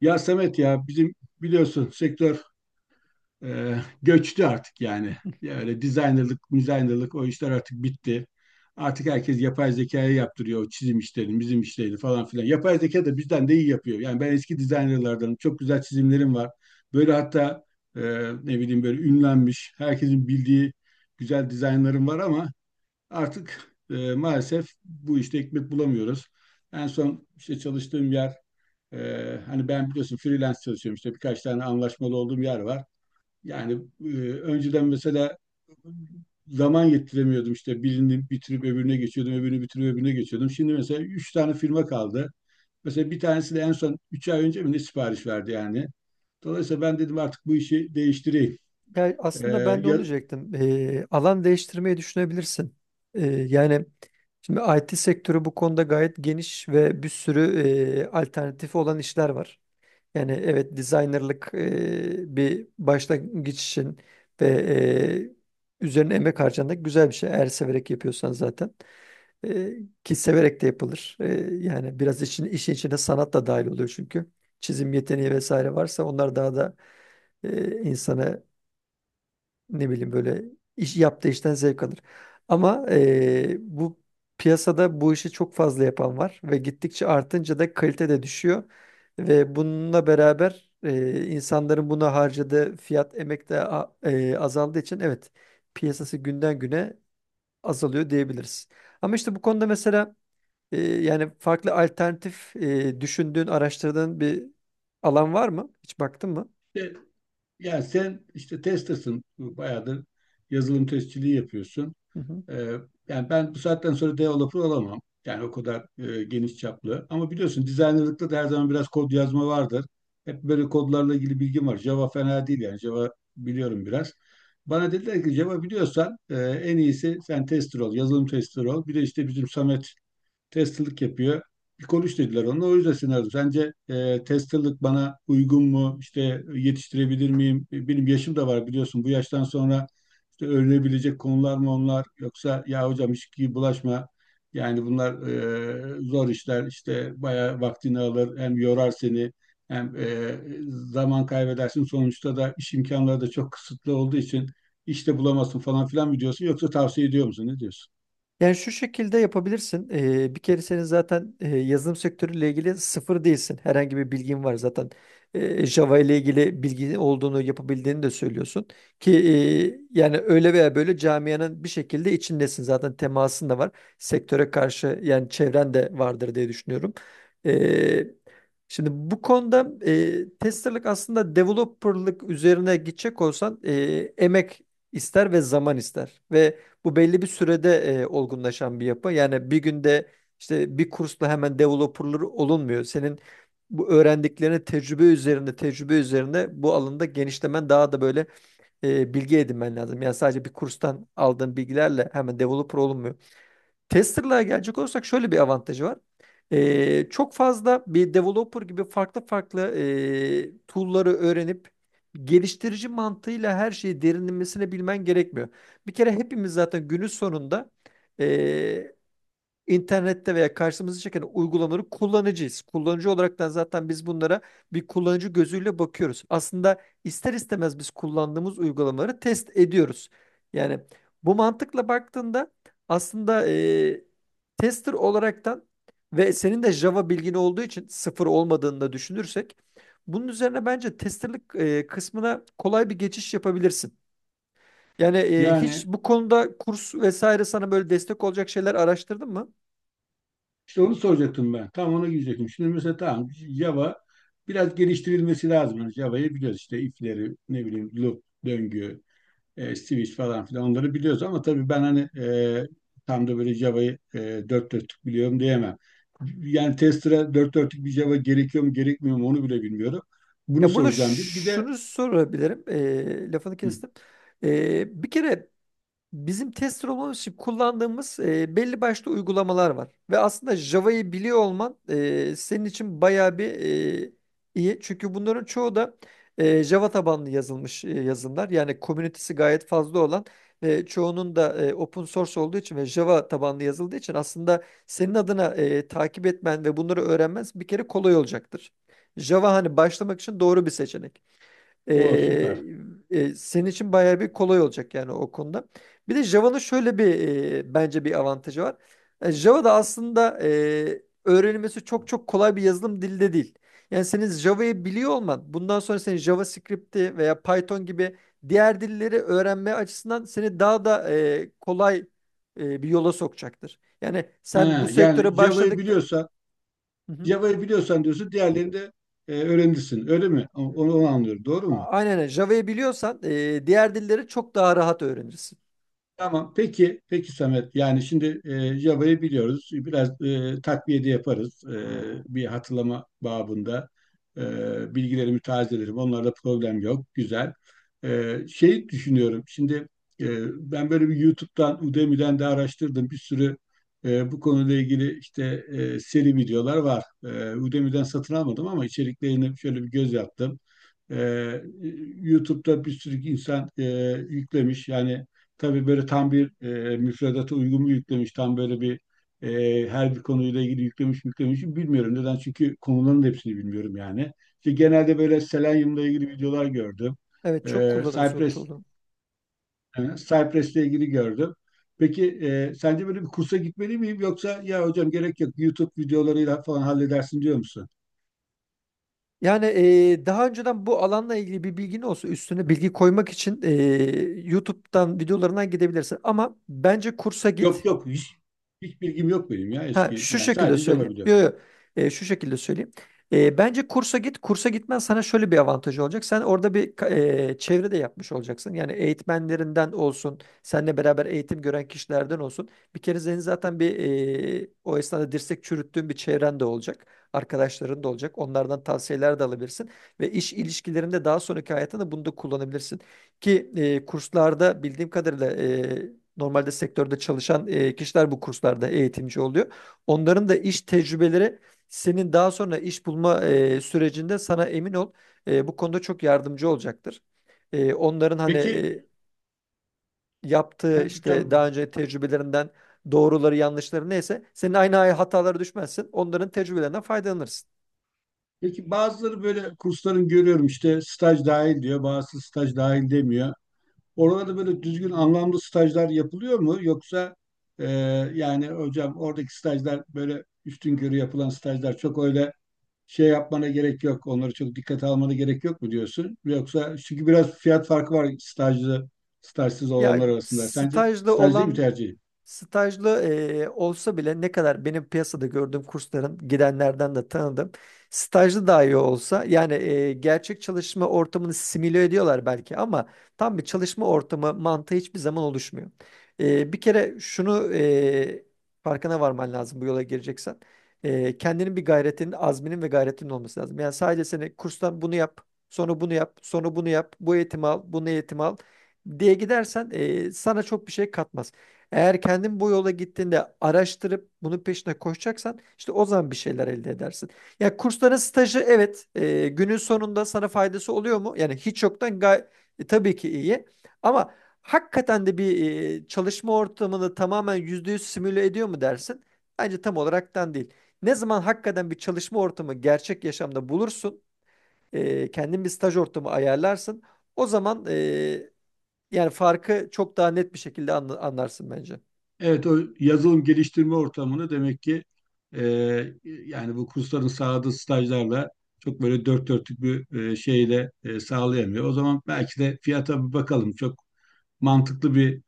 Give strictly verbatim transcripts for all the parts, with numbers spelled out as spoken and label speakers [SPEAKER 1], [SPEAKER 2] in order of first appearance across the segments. [SPEAKER 1] Ya Samet ya bizim biliyorsun sektör e, göçtü artık yani. Ya öyle designerlık, designerlık o işler artık bitti. Artık herkes yapay zekaya yaptırıyor o çizim işlerini, bizim işlerini falan filan. Yapay zeka da bizden de iyi yapıyor. Yani ben eski designerlardanım. Çok güzel çizimlerim var. Böyle hatta e, ne bileyim böyle ünlenmiş, herkesin bildiği güzel dizaynlarım var ama artık e, maalesef bu işte ekmek bulamıyoruz. En son işte çalıştığım yer ee, hani ben biliyorsun freelance çalışıyorum işte birkaç tane anlaşmalı olduğum yer var. Yani e, önceden mesela zaman yettiremiyordum işte birini bitirip öbürüne geçiyordum, öbürünü bitirip öbürüne geçiyordum. Şimdi mesela üç tane firma kaldı. Mesela bir tanesi de en son üç ay önce mi ne sipariş verdi yani. Dolayısıyla ben dedim artık bu işi değiştireyim.
[SPEAKER 2] Ya
[SPEAKER 1] Ee,
[SPEAKER 2] aslında ben de onu
[SPEAKER 1] ya,
[SPEAKER 2] diyecektim. Ee, alan değiştirmeyi düşünebilirsin. Ee, yani şimdi I T sektörü bu konuda gayet geniş ve bir sürü e, alternatifi olan işler var. Yani evet designerlık e, bir başlangıç için ve e, üzerine emek harcanacak güzel bir şey. Eğer severek yapıyorsan zaten. Ee, ki severek de yapılır. Ee, yani biraz işin, işin içine sanat da dahil oluyor çünkü. Çizim yeteneği vesaire varsa onlar daha da e, insana ne bileyim böyle iş yaptığı işten zevk alır. Ama eee, bu piyasada bu işi çok fazla yapan var ve gittikçe artınca da kalite de düşüyor ve bununla beraber eee, insanların buna harcadığı fiyat emek de a- eee, azaldığı için evet piyasası günden güne azalıyor diyebiliriz. Ama işte bu konuda mesela eee, yani farklı alternatif eee, düşündüğün, araştırdığın bir alan var mı? Hiç baktın mı?
[SPEAKER 1] e, yani sen işte tester'sın bayağıdır yazılım testçiliği yapıyorsun. Ee, Yani ben bu saatten sonra developer olamam. Yani o kadar e, geniş çaplı. Ama biliyorsun dizaynerlıkta da her zaman biraz kod yazma vardır. Hep böyle kodlarla ilgili bilgim var. Java fena değil yani. Java biliyorum biraz. Bana dediler ki Java biliyorsan e, en iyisi sen tester ol, yazılım tester ol. Bir de işte bizim Samet testalık yapıyor. Bir konuş dediler onunla. O yüzden seni aradım. Sence e, testalık bana uygun mu? İşte yetiştirebilir miyim? E, Benim yaşım da var biliyorsun. Bu yaştan sonra işte öğrenebilecek konular mı onlar? Yoksa ya hocam hiç ki bulaşma. Yani bunlar e, zor işler. İşte bayağı vaktini alır. Hem yorar seni hem e, zaman kaybedersin. Sonuçta da iş imkanları da çok kısıtlı olduğu için işte bulamazsın falan filan mı diyorsun? Yoksa tavsiye ediyor musun? Ne diyorsun?
[SPEAKER 2] Yani şu şekilde yapabilirsin. Ee, bir kere senin zaten e, yazılım sektörüyle ilgili sıfır değilsin. Herhangi bir bilgin var zaten. Ee, Java ile ilgili bilgi olduğunu yapabildiğini de söylüyorsun. Ki e, yani öyle veya böyle camianın bir şekilde içindesin. Zaten temasın da var. Sektöre karşı yani çevren de vardır diye düşünüyorum. Ee, şimdi bu konuda e, testerlık aslında developerlık üzerine gidecek olsan e, emek ister ve zaman ister. Ve bu belli bir sürede e, olgunlaşan bir yapı. Yani bir günde işte bir kursla hemen developer'ları olunmuyor. Senin bu öğrendiklerini tecrübe üzerinde tecrübe üzerinde bu alanda genişlemen daha da böyle e, bilgi edinmen lazım. Yani sadece bir kurstan aldığın bilgilerle hemen developer olunmuyor. Tester'lığa gelecek olursak şöyle bir avantajı var. Ee, çok fazla bir developer gibi farklı farklı e, tool'ları öğrenip geliştirici mantığıyla her şeyi derinlemesine bilmen gerekmiyor. Bir kere hepimiz zaten günün sonunda İnternette veya karşımıza çeken uygulamaları kullanıcıyız. Kullanıcı olaraktan zaten biz bunlara bir kullanıcı gözüyle bakıyoruz. Aslında ister istemez biz kullandığımız uygulamaları test ediyoruz. Yani bu mantıkla baktığında aslında e, tester olaraktan ve senin de Java bilgin olduğu için sıfır olmadığını da düşünürsek bunun üzerine bence testerlik e, kısmına kolay bir geçiş yapabilirsin. Yani e, hiç
[SPEAKER 1] Yani
[SPEAKER 2] bu konuda kurs vesaire sana böyle destek olacak şeyler araştırdın mı?
[SPEAKER 1] İşte onu soracaktım ben. Tam ona girecektim. Şimdi mesela tamam Java biraz geliştirilmesi lazım. Yani Java'yı biliyoruz işte if'leri, ne bileyim loop, döngü, e, switch falan filan onları biliyoruz ama tabii ben hani e, tam da böyle Java'yı e, dört dörtlük biliyorum diyemem. Yani tester'a dört dörtlük bir Java gerekiyor mu gerekmiyor mu onu bile bilmiyorum. Bunu
[SPEAKER 2] Ya burada
[SPEAKER 1] soracağım bir. Bir de.
[SPEAKER 2] şunu sorabilirim. Ee, lafını
[SPEAKER 1] Hı.
[SPEAKER 2] kestim. Ee, bir kere bizim tester olmamız için kullandığımız e, belli başlı uygulamalar var. Ve aslında Java'yı biliyor olman e, senin için bayağı bir e, iyi. Çünkü bunların çoğu da e, Java tabanlı yazılmış e, yazılımlar. Yani komünitesi gayet fazla olan ve çoğunun da e, open source olduğu için ve Java tabanlı yazıldığı için aslında senin adına e, takip etmen ve bunları öğrenmen bir kere kolay olacaktır. Java hani başlamak için doğru bir seçenek. Ee,
[SPEAKER 1] O süper.
[SPEAKER 2] e, senin için bayağı bir kolay olacak yani o konuda. Bir de Java'nın şöyle bir e, bence bir avantajı var. E, Java da aslında e, öğrenilmesi çok çok kolay bir yazılım dili de değil. Yani senin Java'yı biliyor olman bundan sonra senin JavaScript'i veya Python gibi diğer dilleri öğrenme açısından seni daha da e, kolay e, bir yola sokacaktır. Yani sen bu
[SPEAKER 1] Ha, yani
[SPEAKER 2] sektöre
[SPEAKER 1] Java'yı
[SPEAKER 2] başladıkta.
[SPEAKER 1] biliyorsan
[SPEAKER 2] Hı hı.
[SPEAKER 1] Java'yı biliyorsan diyorsun diğerlerini de e, öğrenirsin. Öyle mi? Onu, onu anlıyorum. Doğru mu?
[SPEAKER 2] Aynen öyle. Java'yı biliyorsan e, diğer dilleri çok daha rahat öğrenirsin.
[SPEAKER 1] Tamam. Peki, peki Samet. Yani şimdi e, Java'yı biliyoruz. Biraz e, takviye de yaparız. E, bir hatırlama babında e, bilgilerimi tazelerim. Onlarda problem yok. Güzel. E, şey düşünüyorum. Şimdi e, ben böyle bir YouTube'dan, Udemy'den de araştırdım. Bir sürü e, bu konuyla ilgili işte e, seri videolar var. E, Udemy'den satın almadım ama içeriklerini şöyle bir göz yaptım. Ee, YouTube'da bir sürü insan e, yüklemiş. Yani tabii böyle tam bir e, müfredata uygun mu yüklemiş, tam böyle bir e, her bir konuyla ilgili yüklemiş mi yüklemiş mi bilmiyorum. Neden? Çünkü konuların hepsini bilmiyorum yani.
[SPEAKER 2] Hı
[SPEAKER 1] İşte
[SPEAKER 2] hı.
[SPEAKER 1] genelde böyle Selenium'la ilgili videolar gördüm.
[SPEAKER 2] Evet, çok
[SPEAKER 1] Ee,
[SPEAKER 2] kullanırız o
[SPEAKER 1] Cypress,
[SPEAKER 2] tool'u.
[SPEAKER 1] e, Cypress'le ilgili gördüm. Peki e, sence böyle bir kursa gitmeli miyim yoksa ya hocam gerek yok YouTube videolarıyla falan halledersin diyor musun?
[SPEAKER 2] Yani eee, daha önceden bu alanla ilgili bir bilgin olsa üstüne bilgi koymak için eee, YouTube'dan videolarından gidebilirsin. Ama bence kursa
[SPEAKER 1] Yok
[SPEAKER 2] git.
[SPEAKER 1] yok hiç, hiç bilgim yok benim ya
[SPEAKER 2] Ha,
[SPEAKER 1] eski
[SPEAKER 2] şu
[SPEAKER 1] yani
[SPEAKER 2] şekilde
[SPEAKER 1] sadece Java
[SPEAKER 2] söyleyeyim.
[SPEAKER 1] biliyorum.
[SPEAKER 2] Yo, yo. E, şu şekilde söyleyeyim. E, bence kursa git. Kursa gitmen sana şöyle bir avantajı olacak. Sen orada bir ka- e, çevre de yapmış olacaksın. Yani eğitmenlerinden olsun, seninle beraber eğitim gören kişilerden olsun. Bir kere senin zaten bir e, o esnada dirsek çürüttüğün bir çevren de olacak. Arkadaşların da olacak. Onlardan tavsiyeler de alabilirsin. Ve iş ilişkilerinde daha sonraki hayatında bunu da kullanabilirsin. Ki e, kurslarda bildiğim kadarıyla e, normalde sektörde çalışan e, kişiler bu kurslarda eğitimci oluyor. Onların da iş tecrübeleri senin daha sonra iş bulma e, sürecinde sana emin ol e, bu konuda çok yardımcı olacaktır. E, onların hani
[SPEAKER 1] Peki
[SPEAKER 2] e, yaptığı
[SPEAKER 1] yani
[SPEAKER 2] işte daha
[SPEAKER 1] tam
[SPEAKER 2] önce tecrübelerinden doğruları yanlışları neyse senin aynı hatalara düşmezsin. Onların tecrübelerinden faydalanırsın.
[SPEAKER 1] Peki bazıları böyle kursların görüyorum işte staj dahil diyor, bazısı staj dahil demiyor. Oralarda böyle düzgün anlamlı stajlar yapılıyor mu yoksa e, yani hocam oradaki stajlar böyle üstün körü yapılan stajlar çok öyle şey yapmana gerek yok. Onları çok dikkate almana gerek yok mu diyorsun? Yoksa çünkü biraz fiyat farkı var stajlı stajsız
[SPEAKER 2] Ya
[SPEAKER 1] olanlar arasında. Sence
[SPEAKER 2] stajda
[SPEAKER 1] staj değil mi
[SPEAKER 2] olan.
[SPEAKER 1] tercih?
[SPEAKER 2] Stajlı, eee, olsa bile ne kadar benim piyasada gördüğüm kursların gidenlerden de tanıdım. Stajlı dahi olsa yani eee, gerçek çalışma ortamını simüle ediyorlar belki ama tam bir çalışma ortamı mantığı hiçbir zaman oluşmuyor. Eee, bir kere şunu eee, farkına varman lazım bu yola gireceksen. Eee, kendinin bir gayretinin, azminin ve gayretinin olması lazım. Yani sadece seni kurstan bunu yap, sonra bunu yap, sonra bunu yap, bu eğitimi al, bunu eğitim al diye gidersen eee, sana çok bir şey katmaz. Eğer kendin bu yola gittiğinde araştırıp bunun peşine koşacaksan işte o zaman bir şeyler elde edersin. Ya kursların stajı evet, e, günün sonunda sana faydası oluyor mu? Yani hiç yoktan gay e, tabii ki iyi. Ama hakikaten de bir e, çalışma ortamını tamamen yüzde yüz simüle ediyor mu dersin? Bence tam olaraktan değil. Ne zaman hakikaten bir çalışma ortamı gerçek yaşamda bulursun, e, kendin bir staj ortamı ayarlarsın. O zaman e, yani farkı çok daha net bir şekilde anla- anlarsın bence.
[SPEAKER 1] Evet, o yazılım geliştirme ortamını demek ki e, yani bu kursların sağladığı stajlarla çok böyle dört dörtlük bir e, şeyle e, sağlayamıyor. O zaman belki de fiyata bir bakalım. Çok mantıklı bir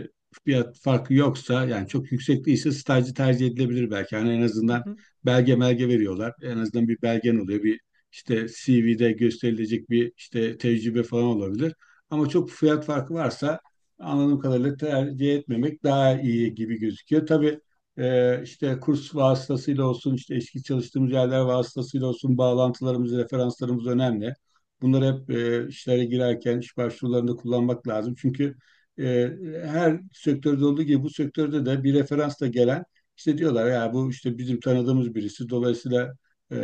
[SPEAKER 1] e, fiyat farkı yoksa yani çok yüksek değilse stajcı tercih edilebilir belki. Yani en
[SPEAKER 2] Hı
[SPEAKER 1] azından
[SPEAKER 2] hı.
[SPEAKER 1] belge melge veriyorlar. En azından bir belgen oluyor. Bir işte C V'de gösterilecek bir işte tecrübe falan olabilir. Ama çok fiyat farkı varsa anladığım kadarıyla tercih etmemek daha iyi gibi gözüküyor. Tabii e, işte kurs vasıtasıyla olsun, işte eski çalıştığımız yerler vasıtasıyla olsun bağlantılarımız, referanslarımız önemli. Bunları hep e, işlere girerken, iş başvurularında kullanmak lazım. Çünkü e, her sektörde olduğu gibi bu sektörde de bir referansla gelen işte diyorlar ya bu işte bizim tanıdığımız birisi dolayısıyla e,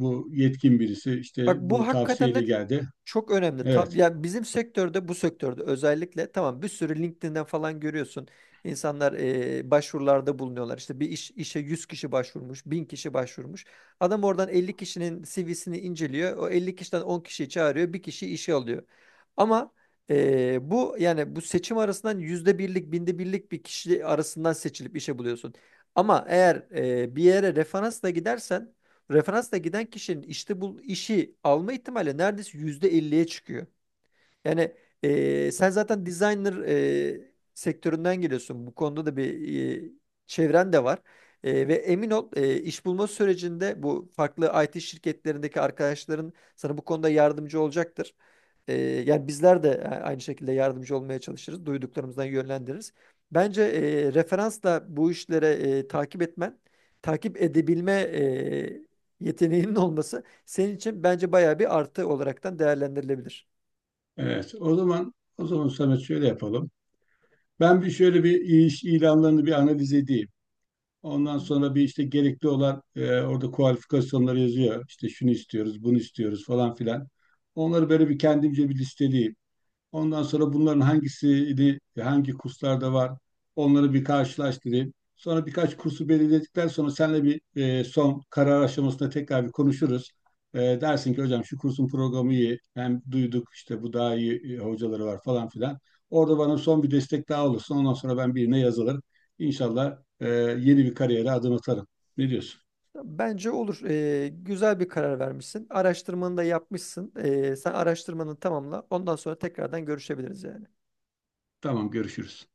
[SPEAKER 1] bu yetkin birisi işte
[SPEAKER 2] Bak, bu
[SPEAKER 1] bu
[SPEAKER 2] hakikaten de
[SPEAKER 1] tavsiyeyle geldi.
[SPEAKER 2] çok önemli. Tab
[SPEAKER 1] Evet,
[SPEAKER 2] ya bizim sektörde bu sektörde özellikle tamam, bir sürü LinkedIn'den falan görüyorsun. İnsanlar e, başvurularda bulunuyorlar. İşte bir iş, işe yüz kişi başvurmuş, bin kişi başvurmuş. Adam oradan elli kişinin C V'sini inceliyor. O elli kişiden on kişiyi çağırıyor, bir kişi işe alıyor. Ama e, bu yani bu seçim arasından yüzde birlik, binde birlik bir kişi arasından seçilip işe buluyorsun. Ama eğer e, bir yere referansla gidersen referansla giden kişinin işte bu işi alma ihtimali neredeyse yüzde elliye çıkıyor. Yani eee, sen zaten designer eee, sektöründen geliyorsun. Bu konuda da bir eee, çevren de var. Eee, ve emin ol eee, iş bulma sürecinde bu farklı I T şirketlerindeki arkadaşların sana bu konuda yardımcı olacaktır. Ee, yani bizler de aynı şekilde yardımcı olmaya çalışırız. Duyduklarımızdan yönlendiririz. Bence e, referansla bu işlere e, takip etmen, takip edebilme e, yeteneğinin olması senin için bence bayağı bir artı olaraktan değerlendirilebilir.
[SPEAKER 1] evet. O zaman o zaman Samet şöyle yapalım. Ben bir şöyle bir iş ilanlarını bir analiz edeyim.
[SPEAKER 2] Hı
[SPEAKER 1] Ondan
[SPEAKER 2] hı.
[SPEAKER 1] sonra bir işte gerekli olan e, orada kualifikasyonları yazıyor. İşte şunu istiyoruz, bunu istiyoruz falan filan. Onları böyle bir kendimce bir listeleyeyim. Ondan sonra bunların hangisini, hangi kurslarda var, onları bir karşılaştırayım. Sonra birkaç kursu belirledikten sonra seninle bir e, son karar aşamasında tekrar bir konuşuruz. E, dersin ki hocam şu kursun programı iyi, hem duyduk işte bu daha iyi e, hocaları var falan filan. Orada bana son bir destek daha olursun. Ondan sonra ben birine yazılır. İnşallah e, yeni bir kariyere adım atarım. Ne diyorsun?
[SPEAKER 2] Bence olur. Ee, güzel bir karar vermişsin. Araştırmanı da yapmışsın. Ee, sen araştırmanı tamamla. Ondan sonra tekrardan görüşebiliriz yani.
[SPEAKER 1] Tamam görüşürüz.